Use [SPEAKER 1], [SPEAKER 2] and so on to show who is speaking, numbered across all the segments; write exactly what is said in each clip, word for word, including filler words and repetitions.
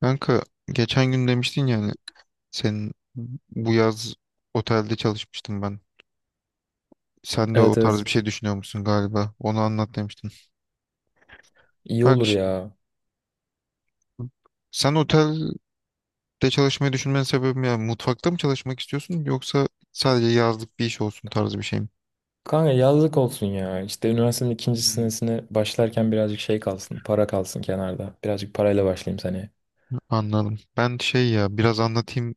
[SPEAKER 1] Kanka, geçen gün demiştin yani senin bu yaz otelde çalışmıştım ben. Sen de o
[SPEAKER 2] Evet
[SPEAKER 1] tarz
[SPEAKER 2] evet.
[SPEAKER 1] bir şey düşünüyor musun galiba? Onu anlat demiştin.
[SPEAKER 2] İyi
[SPEAKER 1] Bak
[SPEAKER 2] olur
[SPEAKER 1] şi-
[SPEAKER 2] ya.
[SPEAKER 1] Sen otelde çalışmayı düşünmenin sebebi yani mutfakta mı çalışmak istiyorsun yoksa sadece yazlık bir iş olsun tarzı bir şey mi?
[SPEAKER 2] Kanka yazlık olsun ya. İşte üniversitenin ikinci
[SPEAKER 1] Hmm.
[SPEAKER 2] senesine başlarken birazcık şey kalsın. Para kalsın kenarda. Birazcık parayla başlayayım seneye.
[SPEAKER 1] Anladım. Ben şey ya biraz anlatayım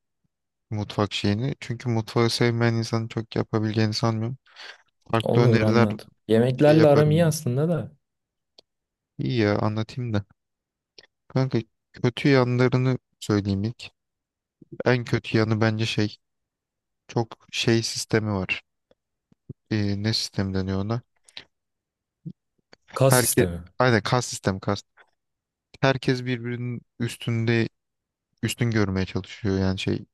[SPEAKER 1] mutfak şeyini. Çünkü mutfağı sevmeyen insanın çok yapabileceğini sanmıyorum. Farklı
[SPEAKER 2] Olur
[SPEAKER 1] öneriler
[SPEAKER 2] anlat.
[SPEAKER 1] şey
[SPEAKER 2] Yemeklerle aram iyi
[SPEAKER 1] yaparım.
[SPEAKER 2] aslında da.
[SPEAKER 1] İyi ya anlatayım da. Kanka, kötü yanlarını söyleyeyim ilk. En kötü yanı bence şey çok şey sistemi var. Ee, ne sistemi deniyor ona?
[SPEAKER 2] Kas
[SPEAKER 1] Herkes
[SPEAKER 2] sistemi.
[SPEAKER 1] aynen kas sistemi kas. Herkes birbirinin üstünde üstün görmeye çalışıyor yani şey,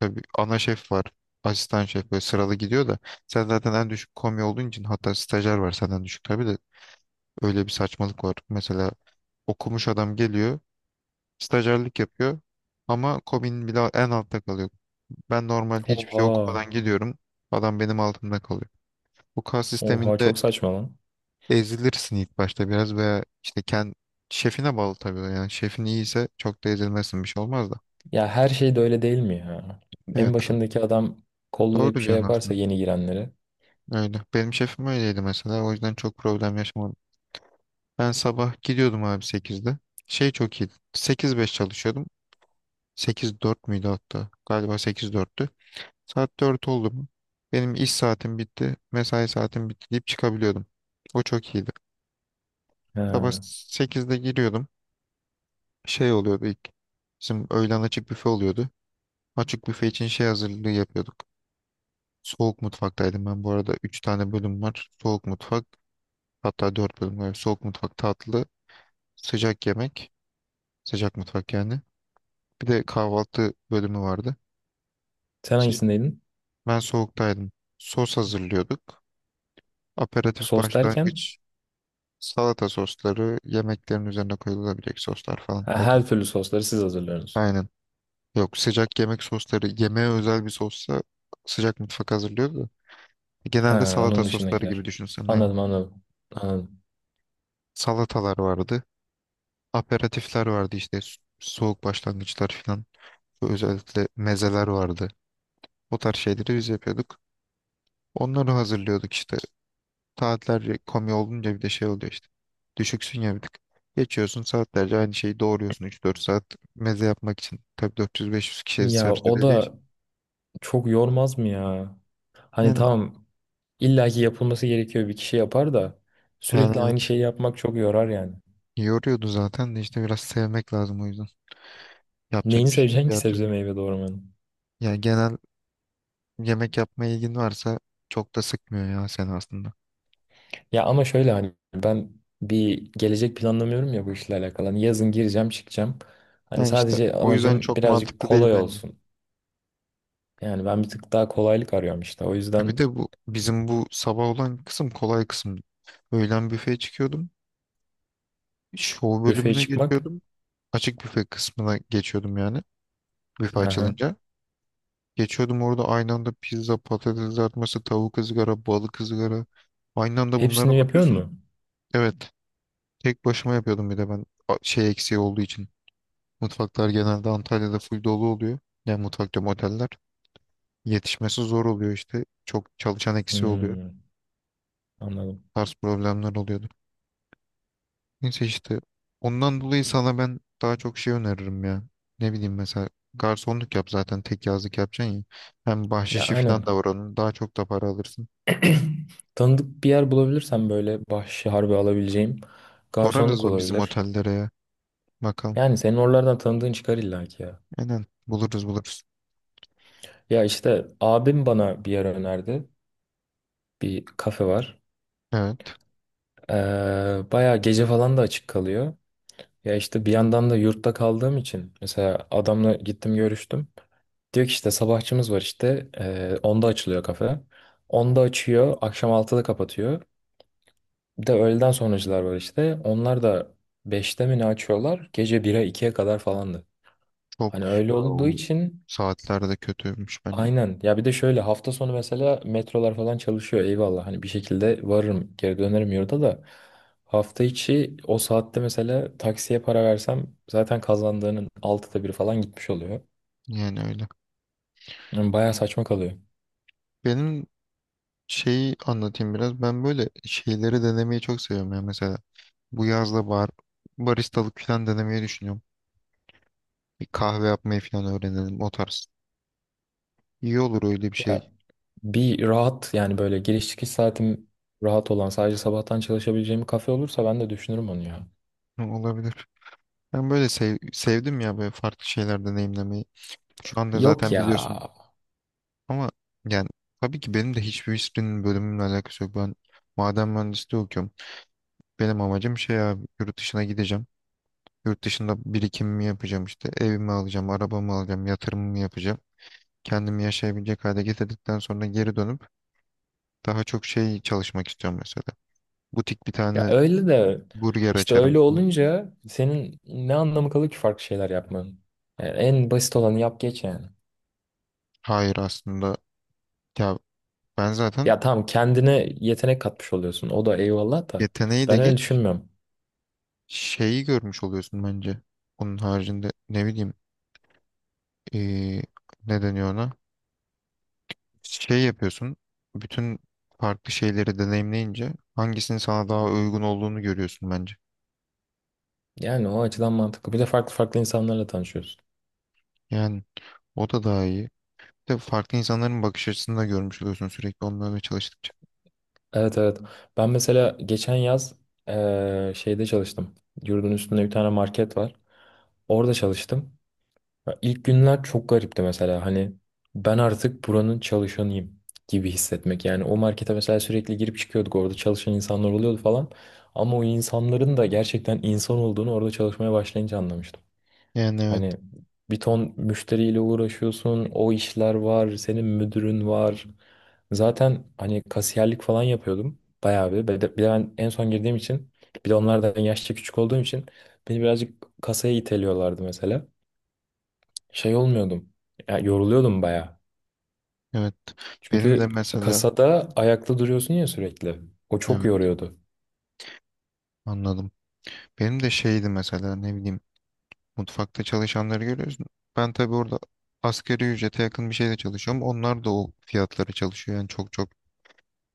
[SPEAKER 1] tabii ana şef var. Asistan şef böyle sıralı gidiyor da sen zaten en düşük komi olduğun için hatta stajyer var senden düşük tabii de öyle bir saçmalık var. Mesela okumuş adam geliyor, stajyerlik yapıyor ama komin bile en altta kalıyor. Ben normalde hiçbir şey
[SPEAKER 2] Oha.
[SPEAKER 1] okumadan gidiyorum, adam benim altımda kalıyor. Bu kas
[SPEAKER 2] Oha
[SPEAKER 1] sisteminde
[SPEAKER 2] çok saçma lan.
[SPEAKER 1] ezilirsin ilk başta biraz veya işte kendi şefine bağlı tabii. o Yani şefin iyiyse çok da ezilmezsin, bir şey olmaz da.
[SPEAKER 2] Ya her şey de öyle değil mi ya? En
[SPEAKER 1] Evet, tabii.
[SPEAKER 2] başındaki adam
[SPEAKER 1] Doğru
[SPEAKER 2] kollayıp şey
[SPEAKER 1] diyorsun
[SPEAKER 2] yaparsa
[SPEAKER 1] aslında.
[SPEAKER 2] yeni girenleri.
[SPEAKER 1] Öyle. Benim şefim öyleydi mesela. O yüzden çok problem yaşamadım. Ben sabah gidiyordum abi sekizde. Şey çok iyiydi. Sekiz beş çalışıyordum. Sekiz dört müydü hatta? Galiba sekiz dörttü. Saat dört oldu mu? Benim iş saatim bitti. Mesai saatim bitti deyip çıkabiliyordum. O çok iyiydi. Sabah
[SPEAKER 2] Ha.
[SPEAKER 1] sekizde giriyordum. Şey oluyordu ilk. Bizim öğlen açık büfe oluyordu. Açık büfe için şey hazırlığı yapıyorduk. Soğuk mutfaktaydım ben bu arada. Üç tane bölüm var. Soğuk mutfak, hatta dört bölüm var. Soğuk mutfak, tatlı, sıcak yemek, sıcak mutfak yani. Bir de kahvaltı bölümü vardı.
[SPEAKER 2] Sen
[SPEAKER 1] Sı-
[SPEAKER 2] hangisindeydin?
[SPEAKER 1] Ben soğuktaydım. Sos hazırlıyorduk. Aperatif
[SPEAKER 2] Sos derken
[SPEAKER 1] başlangıç, salata sosları, yemeklerin üzerine koyulabilecek soslar falan.
[SPEAKER 2] ha,
[SPEAKER 1] O da
[SPEAKER 2] her türlü sosları siz hazırlıyorsunuz.
[SPEAKER 1] aynen. Yok sıcak yemek sosları, yemeğe özel bir sossa sıcak mutfak hazırlıyordu da. Genelde
[SPEAKER 2] Ha,
[SPEAKER 1] salata
[SPEAKER 2] onun
[SPEAKER 1] sosları gibi
[SPEAKER 2] dışındakiler.
[SPEAKER 1] düşünsen aynen.
[SPEAKER 2] Anladım anladım. Anladım.
[SPEAKER 1] Salatalar vardı. Aperatifler vardı işte s- soğuk başlangıçlar falan. Özellikle mezeler vardı. O tarz şeyleri biz yapıyorduk. Onları hazırlıyorduk işte. Saatlerce komi olunca bir de şey oluyor işte. Düşüksün ya bir tık. Geçiyorsun saatlerce aynı şeyi doğruyorsun üç dört saat meze yapmak için. Tabii dört yüz beş yüz kişiye
[SPEAKER 2] Ya
[SPEAKER 1] servis
[SPEAKER 2] o
[SPEAKER 1] edeceği için.
[SPEAKER 2] da çok yormaz mı ya? Hani
[SPEAKER 1] Yani,
[SPEAKER 2] tamam, illaki yapılması gerekiyor, bir kişi yapar da
[SPEAKER 1] yani
[SPEAKER 2] sürekli aynı
[SPEAKER 1] evet,
[SPEAKER 2] şeyi yapmak çok yorar yani.
[SPEAKER 1] yoruyordu zaten de işte biraz sevmek lazım o yüzden. Yapacak
[SPEAKER 2] Neyini
[SPEAKER 1] bir şey yok
[SPEAKER 2] seveceksin ki
[SPEAKER 1] diğer türlü.
[SPEAKER 2] sebze meyve doğramanın?
[SPEAKER 1] Yani genel yemek yapma ilgin varsa çok da sıkmıyor ya seni aslında.
[SPEAKER 2] Ya ama şöyle, hani ben bir gelecek planlamıyorum ya bu işle alakalı. Hani yazın gireceğim çıkacağım. Hani
[SPEAKER 1] Yani işte
[SPEAKER 2] sadece
[SPEAKER 1] o yüzden yani
[SPEAKER 2] amacım
[SPEAKER 1] çok
[SPEAKER 2] birazcık
[SPEAKER 1] mantıklı değil
[SPEAKER 2] kolay
[SPEAKER 1] bence.
[SPEAKER 2] olsun. Yani ben bir tık daha kolaylık arıyorum işte. O
[SPEAKER 1] Ya
[SPEAKER 2] yüzden.
[SPEAKER 1] bir de bu bizim bu sabah olan kısım kolay kısım. Öğlen büfeye çıkıyordum. Show
[SPEAKER 2] Büfeye
[SPEAKER 1] bölümüne
[SPEAKER 2] çıkmak.
[SPEAKER 1] geçiyordum. Açık büfe kısmına geçiyordum yani. Büfe
[SPEAKER 2] Aha.
[SPEAKER 1] açılınca. Geçiyordum orada aynı anda pizza, patates kızartması, tavuk ızgara, balık ızgara. Aynı anda bunlara
[SPEAKER 2] Hepsini yapıyor
[SPEAKER 1] bakıyorsun.
[SPEAKER 2] mu?
[SPEAKER 1] Evet. Tek başıma yapıyordum bir de ben. A- Şey eksiği olduğu için. Mutfaklar genelde Antalya'da full dolu oluyor. Yani mutfak diyorum oteller. Yetişmesi zor oluyor işte. Çok çalışan eksiği oluyor.
[SPEAKER 2] Hmm, anladım.
[SPEAKER 1] Tarz problemler oluyordu. Neyse işte ondan dolayı sana ben daha çok şey öneririm ya. Ne bileyim mesela garsonluk yap zaten tek yazlık yapacaksın ya. Hem
[SPEAKER 2] Ya
[SPEAKER 1] bahşişi falan da
[SPEAKER 2] aynen.
[SPEAKER 1] var onun. Daha çok da para alırsın.
[SPEAKER 2] Tanıdık bir yer bulabilirsem böyle bahşişi harbi alabileceğim,
[SPEAKER 1] Sorarız
[SPEAKER 2] garsonluk
[SPEAKER 1] o bizim
[SPEAKER 2] olabilir.
[SPEAKER 1] otellere ya. Bakalım.
[SPEAKER 2] Yani senin oralardan tanıdığın çıkar illa ki ya.
[SPEAKER 1] Aynen, buluruz buluruz.
[SPEAKER 2] Ya işte abim bana bir yer önerdi. Bir kafe var.
[SPEAKER 1] Evet
[SPEAKER 2] Ee, bayağı gece falan da açık kalıyor. Ya işte bir yandan da yurtta kaldığım için mesela adamla gittim görüştüm. Diyor ki işte sabahçımız var işte. Ee, onda açılıyor kafe. Onda açıyor, akşam altıda kapatıyor. Bir de öğleden sonracılar var işte. Onlar da beşte mi ne açıyorlar? Gece bire ikiye kadar falandı.
[SPEAKER 1] çok
[SPEAKER 2] Hani öyle
[SPEAKER 1] ya,
[SPEAKER 2] olduğu
[SPEAKER 1] o
[SPEAKER 2] için
[SPEAKER 1] saatler de kötüymüş bence.
[SPEAKER 2] aynen. Ya bir de şöyle, hafta sonu mesela metrolar falan çalışıyor, eyvallah. Hani bir şekilde varırım, geri dönerim yurda da. Hafta içi o saatte mesela taksiye para versem zaten kazandığının altıda biri falan gitmiş oluyor.
[SPEAKER 1] Yani öyle.
[SPEAKER 2] Yani bayağı saçma kalıyor.
[SPEAKER 1] Benim şeyi anlatayım biraz. Ben böyle şeyleri denemeyi çok seviyorum ya mesela. Bu yazda bar, baristalık falan denemeyi düşünüyorum. Bir kahve yapmayı falan öğrenelim o tarz. İyi olur öyle bir
[SPEAKER 2] Ya
[SPEAKER 1] şey.
[SPEAKER 2] bir rahat yani, böyle giriş çıkış saatim rahat olan, sadece sabahtan çalışabileceğim bir kafe olursa ben de düşünürüm onu ya.
[SPEAKER 1] Hı, olabilir. Ben böyle sev- sevdim ya böyle farklı şeyler deneyimlemeyi. Şu anda
[SPEAKER 2] Yok
[SPEAKER 1] zaten
[SPEAKER 2] ya.
[SPEAKER 1] biliyorsun ama yani tabii ki benim de hiçbir hiçbirinin bölümümle alakası yok. Ben maden mühendisliği okuyorum. Benim amacım şey abi yurt dışına gideceğim. Yurt dışında birikimimi yapacağım işte. Evimi alacağım, arabamı alacağım, yatırımımı yapacağım. Kendimi yaşayabilecek hale getirdikten sonra geri dönüp daha çok şey çalışmak istiyorum mesela. Butik bir
[SPEAKER 2] Ya
[SPEAKER 1] tane
[SPEAKER 2] öyle de,
[SPEAKER 1] burger
[SPEAKER 2] işte
[SPEAKER 1] açarım.
[SPEAKER 2] öyle olunca senin ne anlamı kalır ki farklı şeyler yapmanın? Yani en basit olanı yap geç yani.
[SPEAKER 1] Hayır, aslında ya ben zaten
[SPEAKER 2] Ya tamam, kendine yetenek katmış oluyorsun. O da eyvallah da
[SPEAKER 1] yeteneği de
[SPEAKER 2] ben öyle
[SPEAKER 1] geç
[SPEAKER 2] düşünmüyorum.
[SPEAKER 1] şeyi görmüş oluyorsun bence. Onun haricinde ne bileyim eee ne deniyor ona? Şey yapıyorsun bütün farklı şeyleri deneyimleyince hangisinin sana daha uygun olduğunu görüyorsun bence.
[SPEAKER 2] Yani o açıdan mantıklı. Bir de farklı farklı insanlarla tanışıyorsun.
[SPEAKER 1] Yani o da daha iyi. Bir de farklı insanların bakış açısını da görmüş oluyorsun sürekli onlarla çalıştıkça.
[SPEAKER 2] Evet evet. Ben mesela geçen yaz eee, şeyde çalıştım. Yurdun üstünde bir tane market var. Orada çalıştım. Ya İlk günler çok garipti mesela, hani ben artık buranın çalışanıyım gibi hissetmek. Yani o markete mesela sürekli girip çıkıyorduk, orada çalışan insanlar oluyordu falan. Ama o insanların da gerçekten insan olduğunu orada çalışmaya başlayınca anlamıştım.
[SPEAKER 1] Yani evet
[SPEAKER 2] Hani bir ton müşteriyle uğraşıyorsun, o işler var, senin müdürün var. Zaten hani kasiyerlik falan yapıyordum bayağı bir. Bir de bir de ben en son girdiğim için, bir de onlardan yaşça küçük olduğum için beni birazcık kasaya iteliyorlardı mesela, şey olmuyordum. Ya yoruluyordum baya.
[SPEAKER 1] evet, benim de
[SPEAKER 2] Çünkü
[SPEAKER 1] mesela,
[SPEAKER 2] kasada ayakta duruyorsun ya sürekli. O çok
[SPEAKER 1] evet
[SPEAKER 2] yoruyordu.
[SPEAKER 1] anladım. Benim de şeydi mesela ne bileyim mutfakta çalışanları görüyorsun. Ben tabii orada asgari ücrete yakın bir şeyde çalışıyorum. Onlar da o fiyatlara çalışıyor. Yani çok çok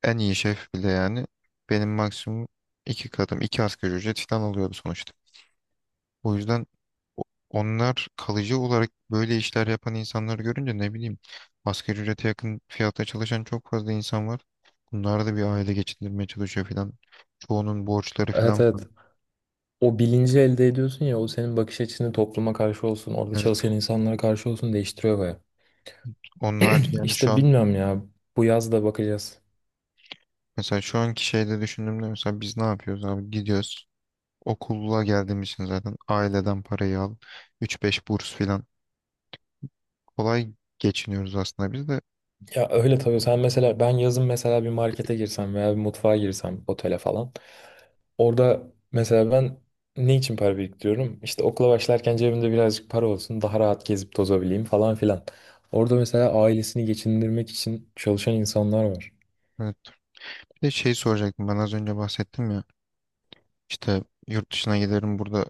[SPEAKER 1] en iyi şef bile yani. Benim maksimum iki katım, iki asgari ücret falan alıyordu sonuçta. O yüzden o- onlar kalıcı olarak böyle işler yapan insanları görünce ne bileyim asgari ücrete yakın fiyatta çalışan çok fazla insan var. Bunlar da bir aile geçindirmeye çalışıyor falan. Çoğunun borçları
[SPEAKER 2] Evet
[SPEAKER 1] falan
[SPEAKER 2] evet.
[SPEAKER 1] var.
[SPEAKER 2] O bilinci elde ediyorsun ya, o senin bakış açını topluma karşı olsun, orada
[SPEAKER 1] Evet.
[SPEAKER 2] çalışan insanlara karşı olsun değiştiriyor baya.
[SPEAKER 1] Onun harici yani şu
[SPEAKER 2] İşte
[SPEAKER 1] an
[SPEAKER 2] bilmiyorum ya. Bu yaz da bakacağız.
[SPEAKER 1] mesela şu anki şeyde düşündüğümde mesela biz ne yapıyoruz abi? Gidiyoruz. Okula geldiğimiz için zaten aileden parayı al. üç beş burs filan. Kolay geçiniyoruz aslında biz de.
[SPEAKER 2] Ya öyle tabii, sen mesela ben yazın mesela bir markete girsem veya bir mutfağa girsem, otele falan. Orada mesela ben ne için para biriktiriyorum? İşte okula başlarken cebimde birazcık para olsun, daha rahat gezip tozabileyim falan filan. Orada mesela ailesini geçindirmek için çalışan insanlar var.
[SPEAKER 1] Evet. Bir de şey soracaktım. Ben az önce bahsettim ya. İşte yurt dışına giderim burada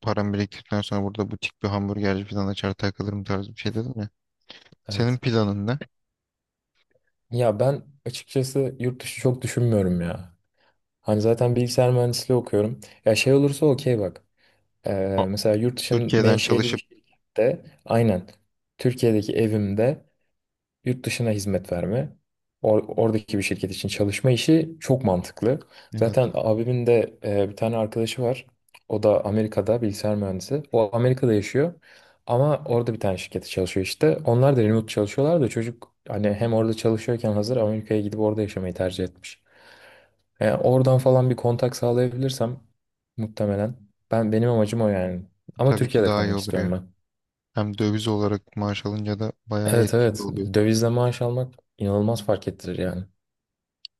[SPEAKER 1] param biriktirdikten sonra burada butik bir hamburgerci falan açar takılırım tarzı bir şey dedim ya. Senin
[SPEAKER 2] Evet.
[SPEAKER 1] planın ne?
[SPEAKER 2] Ya ben açıkçası yurt dışı çok düşünmüyorum ya. Hani zaten bilgisayar mühendisliği okuyorum. Ya şey olursa okey bak.
[SPEAKER 1] O-
[SPEAKER 2] Ee, mesela yurt dışının
[SPEAKER 1] Türkiye'den
[SPEAKER 2] menşeli bir
[SPEAKER 1] çalışıp
[SPEAKER 2] şirkette, aynen, Türkiye'deki evimde, yurt dışına hizmet verme, or- oradaki bir şirket için çalışma işi çok mantıklı.
[SPEAKER 1] evet
[SPEAKER 2] Zaten abimin de e, bir tane arkadaşı var. O da Amerika'da bilgisayar mühendisi. O Amerika'da yaşıyor ama orada bir tane şirkette çalışıyor işte. Onlar da remote çalışıyorlar da çocuk hani hem orada çalışıyorken hazır Amerika'ya gidip orada yaşamayı tercih etmiş. E, oradan falan bir kontak sağlayabilirsem muhtemelen ben benim amacım o yani. Ama
[SPEAKER 1] tabii ki
[SPEAKER 2] Türkiye'de
[SPEAKER 1] daha iyi
[SPEAKER 2] kalmak
[SPEAKER 1] olur
[SPEAKER 2] istiyorum
[SPEAKER 1] ya.
[SPEAKER 2] ben.
[SPEAKER 1] Hem döviz olarak maaş alınca da bayağı
[SPEAKER 2] Evet
[SPEAKER 1] etkili
[SPEAKER 2] evet,
[SPEAKER 1] oluyor.
[SPEAKER 2] dövizle maaş almak inanılmaz fark ettirir yani.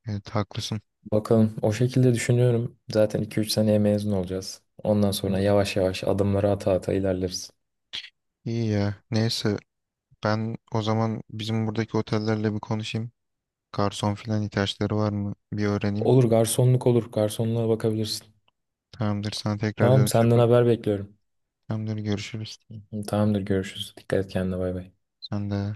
[SPEAKER 1] Evet haklısın.
[SPEAKER 2] Bakalım, o şekilde düşünüyorum. Zaten iki üç seneye mezun olacağız. Ondan sonra
[SPEAKER 1] Doğru.
[SPEAKER 2] yavaş yavaş adımları ata ata ilerleriz.
[SPEAKER 1] İyi ya. Neyse ben o zaman bizim buradaki otellerle bir konuşayım. Garson filan ihtiyaçları var mı? Bir öğreneyim.
[SPEAKER 2] Olur, garsonluk olur. Garsonluğa bakabilirsin.
[SPEAKER 1] Tamamdır, sana tekrar
[SPEAKER 2] Tamam,
[SPEAKER 1] dönüş
[SPEAKER 2] senden
[SPEAKER 1] yaparım.
[SPEAKER 2] haber bekliyorum.
[SPEAKER 1] Tamamdır, görüşürüz.
[SPEAKER 2] Tamamdır, görüşürüz. Dikkat et kendine, bay bay.
[SPEAKER 1] Sen de.